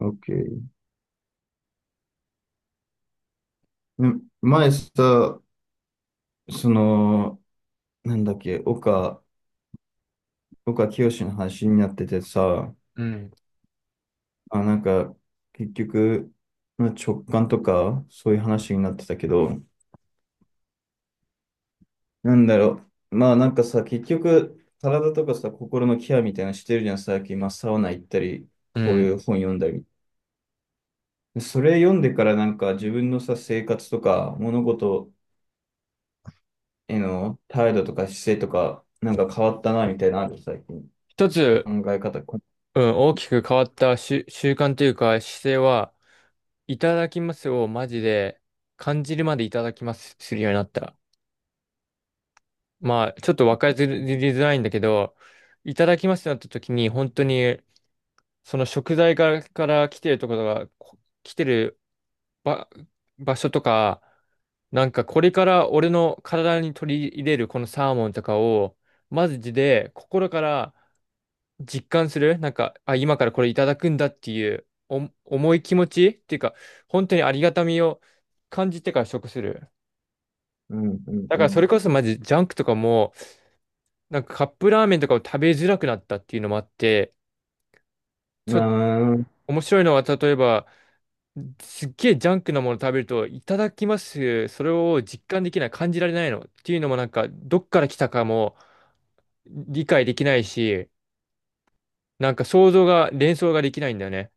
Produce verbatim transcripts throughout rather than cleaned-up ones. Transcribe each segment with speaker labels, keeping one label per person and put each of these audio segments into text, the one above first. Speaker 1: OK。ね前さ、その、なんだっけ、岡、岡清の話になっててさ、
Speaker 2: うん。
Speaker 1: あ、なんか、結局、まあ直感とか、そういう話になってたけど、なんだろう、まあなんかさ、結局、体とかさ、心のケアみたいなのしてるじゃん、最近、まあ、サウナ行ったり、
Speaker 2: う
Speaker 1: こうい
Speaker 2: ん。
Speaker 1: う本読んだり。でそれ読んでからなんか、自分のさ、生活とか、物事への態度とか姿勢とか、なんか変わったな、みたいなのある、最近。
Speaker 2: 一つ、
Speaker 1: 考え方、
Speaker 2: うん、大きく変わった習、習慣というか姿勢は、いただきますをマジで感じるまでいただきますするようになった。まあ、ちょっとわかりづらいんだけど、いただきますってなった時に、本当に、その食材から、から来てるところが、こ来てる場、場所とか、なんかこれから俺の体に取り入れるこのサーモンとかを、マジで心から実感するなんか、あ、今からこれいただくんだっていうお重い気持ちっていうか、本当にありがたみを感じてから食する。
Speaker 1: うん、うん、
Speaker 2: だ
Speaker 1: う
Speaker 2: からそれ
Speaker 1: ん。
Speaker 2: こそマジジャンクとかも、なんかカップラーメンとかを食べづらくなったっていうのもあって、
Speaker 1: う
Speaker 2: ち
Speaker 1: ー
Speaker 2: ょっと
Speaker 1: ん。
Speaker 2: 面白いのは例えば、すっげえジャンクなもの食べると、いただきます、それを実感できない、感じられないのっていうのもなんか、どっから来たかも理解できないし、なんか想像が、連想ができないんだよね。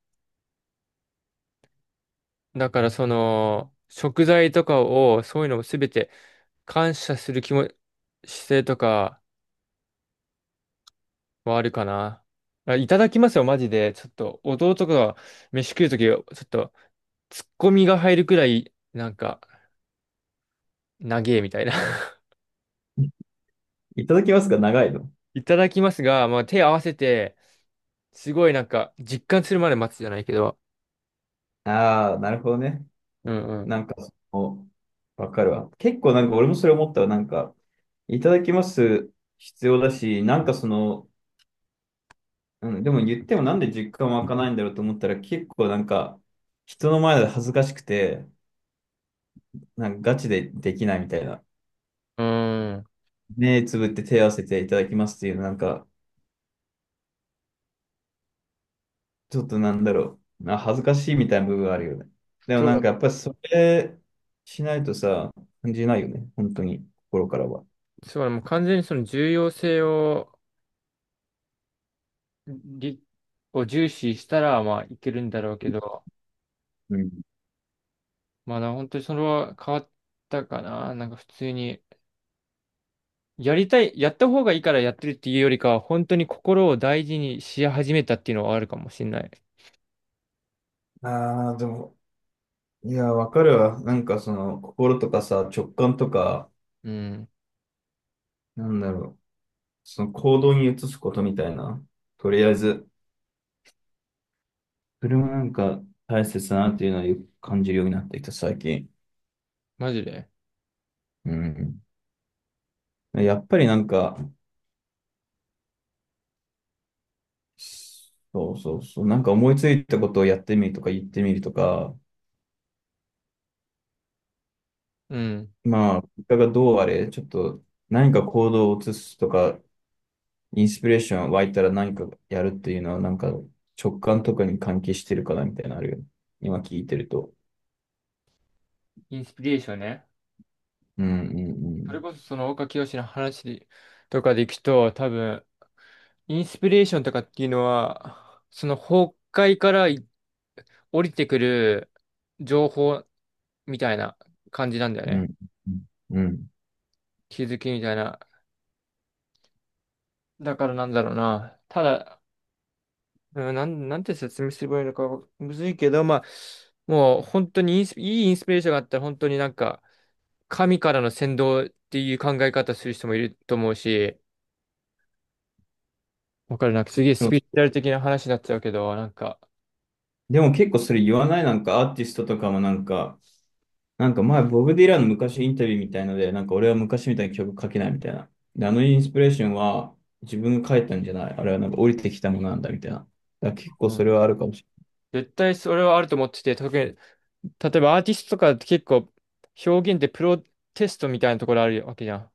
Speaker 2: だからその、食材とかを、そういうのもすべて感謝する気も、姿勢とかはあるかな。あいただきますよ、マジで。ちょっと、弟が飯食うとき、ちょっと、ツッコミが入るくらい、なんか、長えみたいな。
Speaker 1: いただきますが長いの？
Speaker 2: いただきますが、まあ、手合わせて、すごいなんか、実感するまで待つじゃないけど。
Speaker 1: ああ、なるほどね。
Speaker 2: うん
Speaker 1: なんか、そのわかるわ。結構なんか俺もそれ思ったら、なんか、いただきます必要だし、なんかその、うん、でも言ってもなんで実感湧かないんだろうと思ったら、結構なんか、人の前で恥ずかしくて、なんかガチでできないみたいな。
Speaker 2: うん。うーん。
Speaker 1: 目つぶって手を合わせていただきますっていう、なんか、ちょっとなんだろう。な恥ずかしいみたいな部分があるよね。でも
Speaker 2: そ
Speaker 1: なん
Speaker 2: う、
Speaker 1: かやっぱりそれしないとさ、感じないよね。本当に、心からは。
Speaker 2: そう、もう完全にその重要性を、りを重視したら、まあ、いけるんだろうけど。
Speaker 1: うん。
Speaker 2: まあだから本当にそれは変わったかな。なんか普通に、やりたい、やった方がいいからやってるっていうよりかは、本当に心を大事にし始めたっていうのはあるかもしれない。
Speaker 1: ああ、でも、いや、わかるわ。なんかその、心とかさ、直感とか、
Speaker 2: うん。
Speaker 1: なんだろう。その行動に移すことみたいな。とりあえず、それもなんか大切だなっていうのはよく感じるようになってきた、最近。
Speaker 2: マジで。
Speaker 1: うん。やっぱりなんか、そうそうそう。なんか思いついたことをやってみるとか言ってみるとか、
Speaker 2: うん。
Speaker 1: まあ、結果がどうあれ、ちょっと何か行動を移すとか、インスピレーション湧いたら何かやるっていうのは、なんか直感とかに関係してるかなみたいなのあるよね。今聞いてると。
Speaker 2: インスピレーションね。
Speaker 1: うんうん
Speaker 2: それこそその岡清の話とかでいくと、多分、インスピレーションとかっていうのは、その崩壊からい降りてくる情報みたいな感じなんだよ
Speaker 1: う
Speaker 2: ね。
Speaker 1: ん。うんうん。うん
Speaker 2: 気づきみたいな。だからなんだろうな。ただ、うんなん、なんて説明すればいいのかむずいけど、まあ、もう本当にインスいいインスピレーションがあったら本当になんか神からの先導っていう考え方する人もいると思うし、わかるなんかすげえ
Speaker 1: で
Speaker 2: ス
Speaker 1: も、
Speaker 2: ピリチュアル的な話になっちゃうけど、なんか、
Speaker 1: でも結構それ言わないなんかアーティストとかもなんか、なんか前、ボブ・ディランの昔インタビューみたいので、なんか俺は昔みたいに曲書けないみたいな。で、あのインスピレーションは自分が書いたんじゃない。あれはなんか降りてきたものなんだみたいな。だから結構
Speaker 2: う
Speaker 1: そ
Speaker 2: ん、
Speaker 1: れはあるかもし
Speaker 2: 絶対それはあると思ってて、特に、例えばアーティストとかって結構表現ってプロテストみたいなところあるわけじゃん。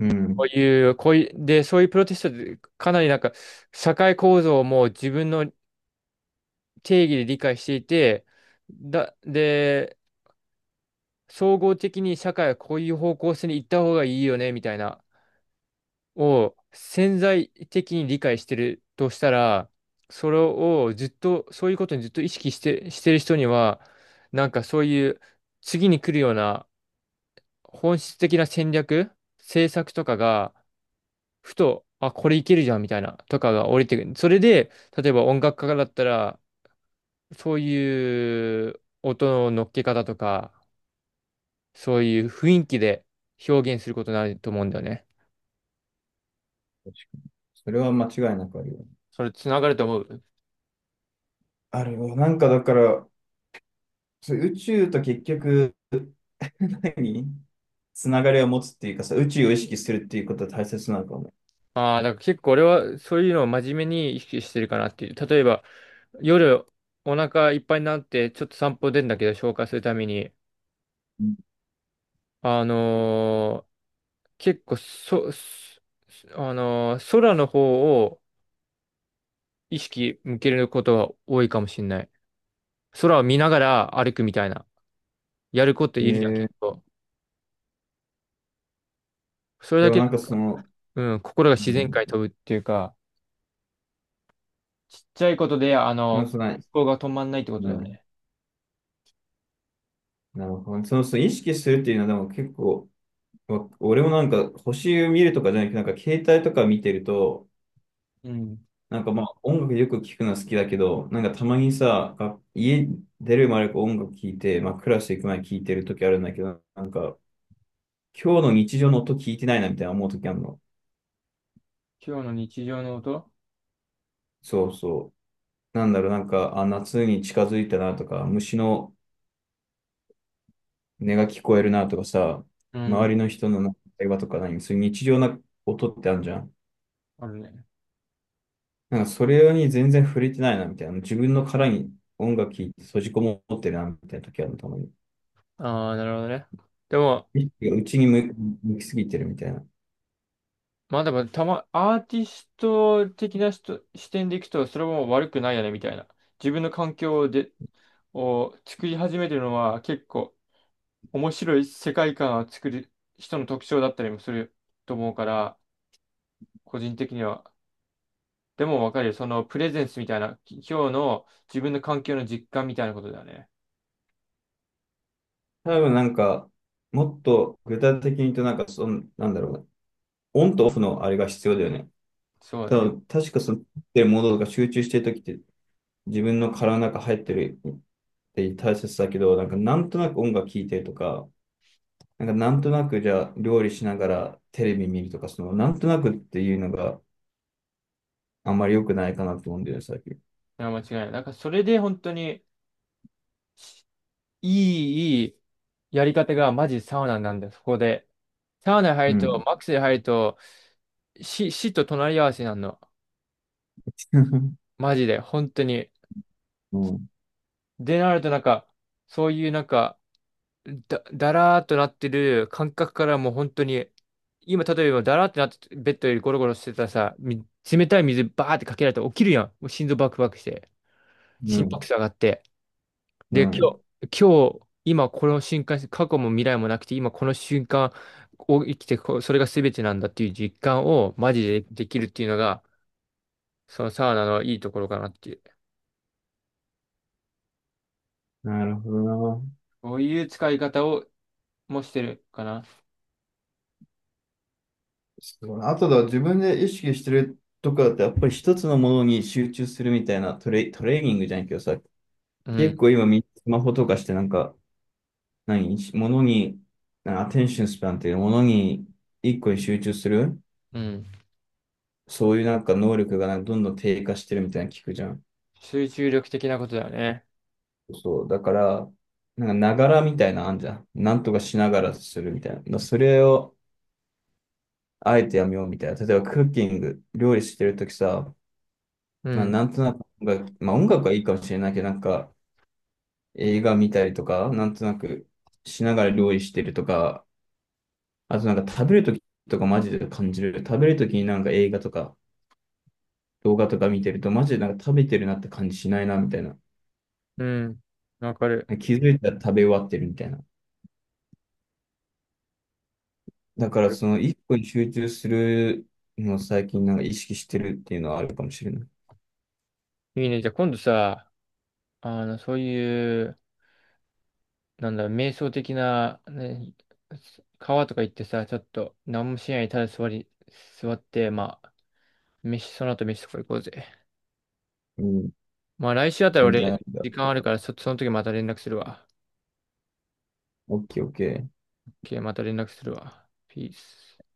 Speaker 1: れない。う
Speaker 2: こう
Speaker 1: ん。
Speaker 2: いう、こういう、で、そういうプロテストでかなりなんか社会構造をもう自分の定義で理解していて、だ、で、総合的に社会はこういう方向性に行った方がいいよね、みたいな、を潜在的に理解してるとしたら、それをずっと、そういうことにずっと意識して、してる人には、なんかそういう次に来るような本質的な戦略、政策とかが、ふと、あ、これいけるじゃんみたいな、とかが降りてくる。それで、例えば音楽家だったら、そういう音の乗っけ方とか、そういう雰囲気で表現することになると思うんだよね。
Speaker 1: 確かに。それは間違いなくあるよね。
Speaker 2: それつながると思う。
Speaker 1: あるよ。なんかだから、そう宇宙と結局、何つながりを持つっていうかさ、宇宙を意識するっていうことは大切なのかもね。
Speaker 2: ああ、だから結構俺はそういうのを真面目に意識してるかなっていう。例えば、夜お腹いっぱいになってちょっと散歩出るんだけど消化するために、
Speaker 1: うん
Speaker 2: あのー結構そ、そあのー空の方を意識向けることが多いかもしれない。空を見ながら歩くみたいな。やること
Speaker 1: え
Speaker 2: いるじゃん、
Speaker 1: ー、
Speaker 2: 結構。それ
Speaker 1: で
Speaker 2: だ
Speaker 1: も
Speaker 2: け
Speaker 1: なんか
Speaker 2: なん
Speaker 1: そ
Speaker 2: か、
Speaker 1: の、
Speaker 2: うん、心が
Speaker 1: う
Speaker 2: 自然界
Speaker 1: ん、
Speaker 2: に飛ぶっていうか、ちっちゃいことで、あの、
Speaker 1: でも
Speaker 2: 思
Speaker 1: その、
Speaker 2: 考が止まんないってこと
Speaker 1: う
Speaker 2: だよ
Speaker 1: ん、
Speaker 2: ね。
Speaker 1: なるほど。その、その意識するっていうのはでも結構、わ俺もなんか星を見るとかじゃなくて、なんか携帯とか見てると、
Speaker 2: うん。
Speaker 1: なんかまあ音楽よく聞くのは好きだけど、なんかたまにさ、が家出る前と音楽聞いて、まあクラス行く前に聞いてる時あるんだけど、なんか今日の日常の音聞いてないなみたいな思う時あるの。
Speaker 2: 今日の日常の音
Speaker 1: そうそう。なんだろう、なんか、あ、夏に近づいたなとか、虫の音が聞こえるなとかさ、
Speaker 2: う
Speaker 1: 周
Speaker 2: ん。
Speaker 1: りの人の会話とか何、そういう日常な音ってあるじゃん。
Speaker 2: あるね。
Speaker 1: なんかそれに全然触れてないな、みたいな。自分の殻に音楽聴いて閉じこもってるな、みたいな時あるたまに。
Speaker 2: ああ、なるほどね。でも、
Speaker 1: 意識が内に向向きすぎてるみたいな。
Speaker 2: まあでも、たま、アーティスト的な人視点でいくと、それも悪くないよね、みたいな。自分の環境で、を作り始めてるのは結構面白い世界観を作る人の特徴だったりもすると思うから、個人的には。でもわかるよ。そのプレゼンスみたいな、き今日の自分の環境の実感みたいなことだよね。
Speaker 1: 多分なんか、もっと具体的に言うと、なんかその、なんだろうな。オンとオフのあれが必要だよね。
Speaker 2: そう
Speaker 1: 多
Speaker 2: ね。
Speaker 1: 分確かその、ってるものとか集中してる時って、自分の殻の中入ってるって大切だけど、なんかなんとなく音楽聴いてるとか、なんかなんとなくじゃあ料理しながらテレビ見るとか、そのなんとなくっていうのがあんまり良くないかなと思うんだよね、最近。
Speaker 2: いや、間違いない。だからそれで本当にいい、いいやり方がマジサウナなんだよ、そこで。サウナ
Speaker 1: う
Speaker 2: 入ると、
Speaker 1: ん。
Speaker 2: マックスで入ると、死、死と隣り合わせになるの。
Speaker 1: う
Speaker 2: マジで、本当に。
Speaker 1: ん。う
Speaker 2: で、なるとなんか、そういうなんか、だ、だらーっとなってる感覚からもう本当に、今例えばだらーってなって、ベッドよりゴロゴロしてたらさ、み冷たい水バーってかけられたら起きるやん。もう心臓バクバクして、心拍
Speaker 1: ん。
Speaker 2: 数上がって。
Speaker 1: う
Speaker 2: で、今
Speaker 1: ん。
Speaker 2: 日、今日、今この瞬間、過去も未来もなくて、今この瞬間を生きてこう、それが全てなんだっていう実感をマジでできるっていうのが、そのサウナのいいところかなっていう。
Speaker 1: なるほどな。
Speaker 2: こういう使い方をもしてるかな。
Speaker 1: すごいあとだ、自分で意識してるとかってやっぱり一つのものに集中するみたいなトレ、トレーニングじゃないけどさ、
Speaker 2: う
Speaker 1: 結
Speaker 2: ん、
Speaker 1: 構今みんなスマホとかしてなんか、何、ものに、アテンションスパンっていうものに一個に集中する、
Speaker 2: うん。
Speaker 1: そういうなんか能力がなんかどんどん低下してるみたいなの聞くじゃん。
Speaker 2: 集中力的なことだよね。
Speaker 1: そう、だから、なんかながらみたいなのあんじゃん。なんとかしながらするみたいな。それを、あえてやめようみたいな。例えばクッキング、料理してるときさ、
Speaker 2: う
Speaker 1: まあ
Speaker 2: ん、
Speaker 1: なんとなく音楽、まあ音楽はいいかもしれないけど、なんか映画見たりとか、なんとなくしながら料理してるとか、あとなんか食べるときとかマジで感じる。食べるときになんか映画とか動画とか見てると、マジでなんか食べてるなって感じしないなみたいな。
Speaker 2: うん。わかる。
Speaker 1: 気づいたら食べ終わってるみたいな。だ
Speaker 2: わ
Speaker 1: か
Speaker 2: か
Speaker 1: ら
Speaker 2: る。
Speaker 1: その一個に集中するのを最近なんか意識してるっていうのはあるかもしれない。
Speaker 2: いいね。じゃあ今度さ、あの、そういう、なんだろう、瞑想的な、ね、川とか行ってさ、ちょっと何もしないでただ座り、座って、まあ、飯、その後飯とか行こうぜ。
Speaker 1: うん、
Speaker 2: まあ来週あたり
Speaker 1: 全然あ
Speaker 2: 俺、
Speaker 1: るんだ。
Speaker 2: 時間あるから、そ、その時また連絡するわ。
Speaker 1: オッケーオッケー。
Speaker 2: オーケー、また連絡するわ。ピース。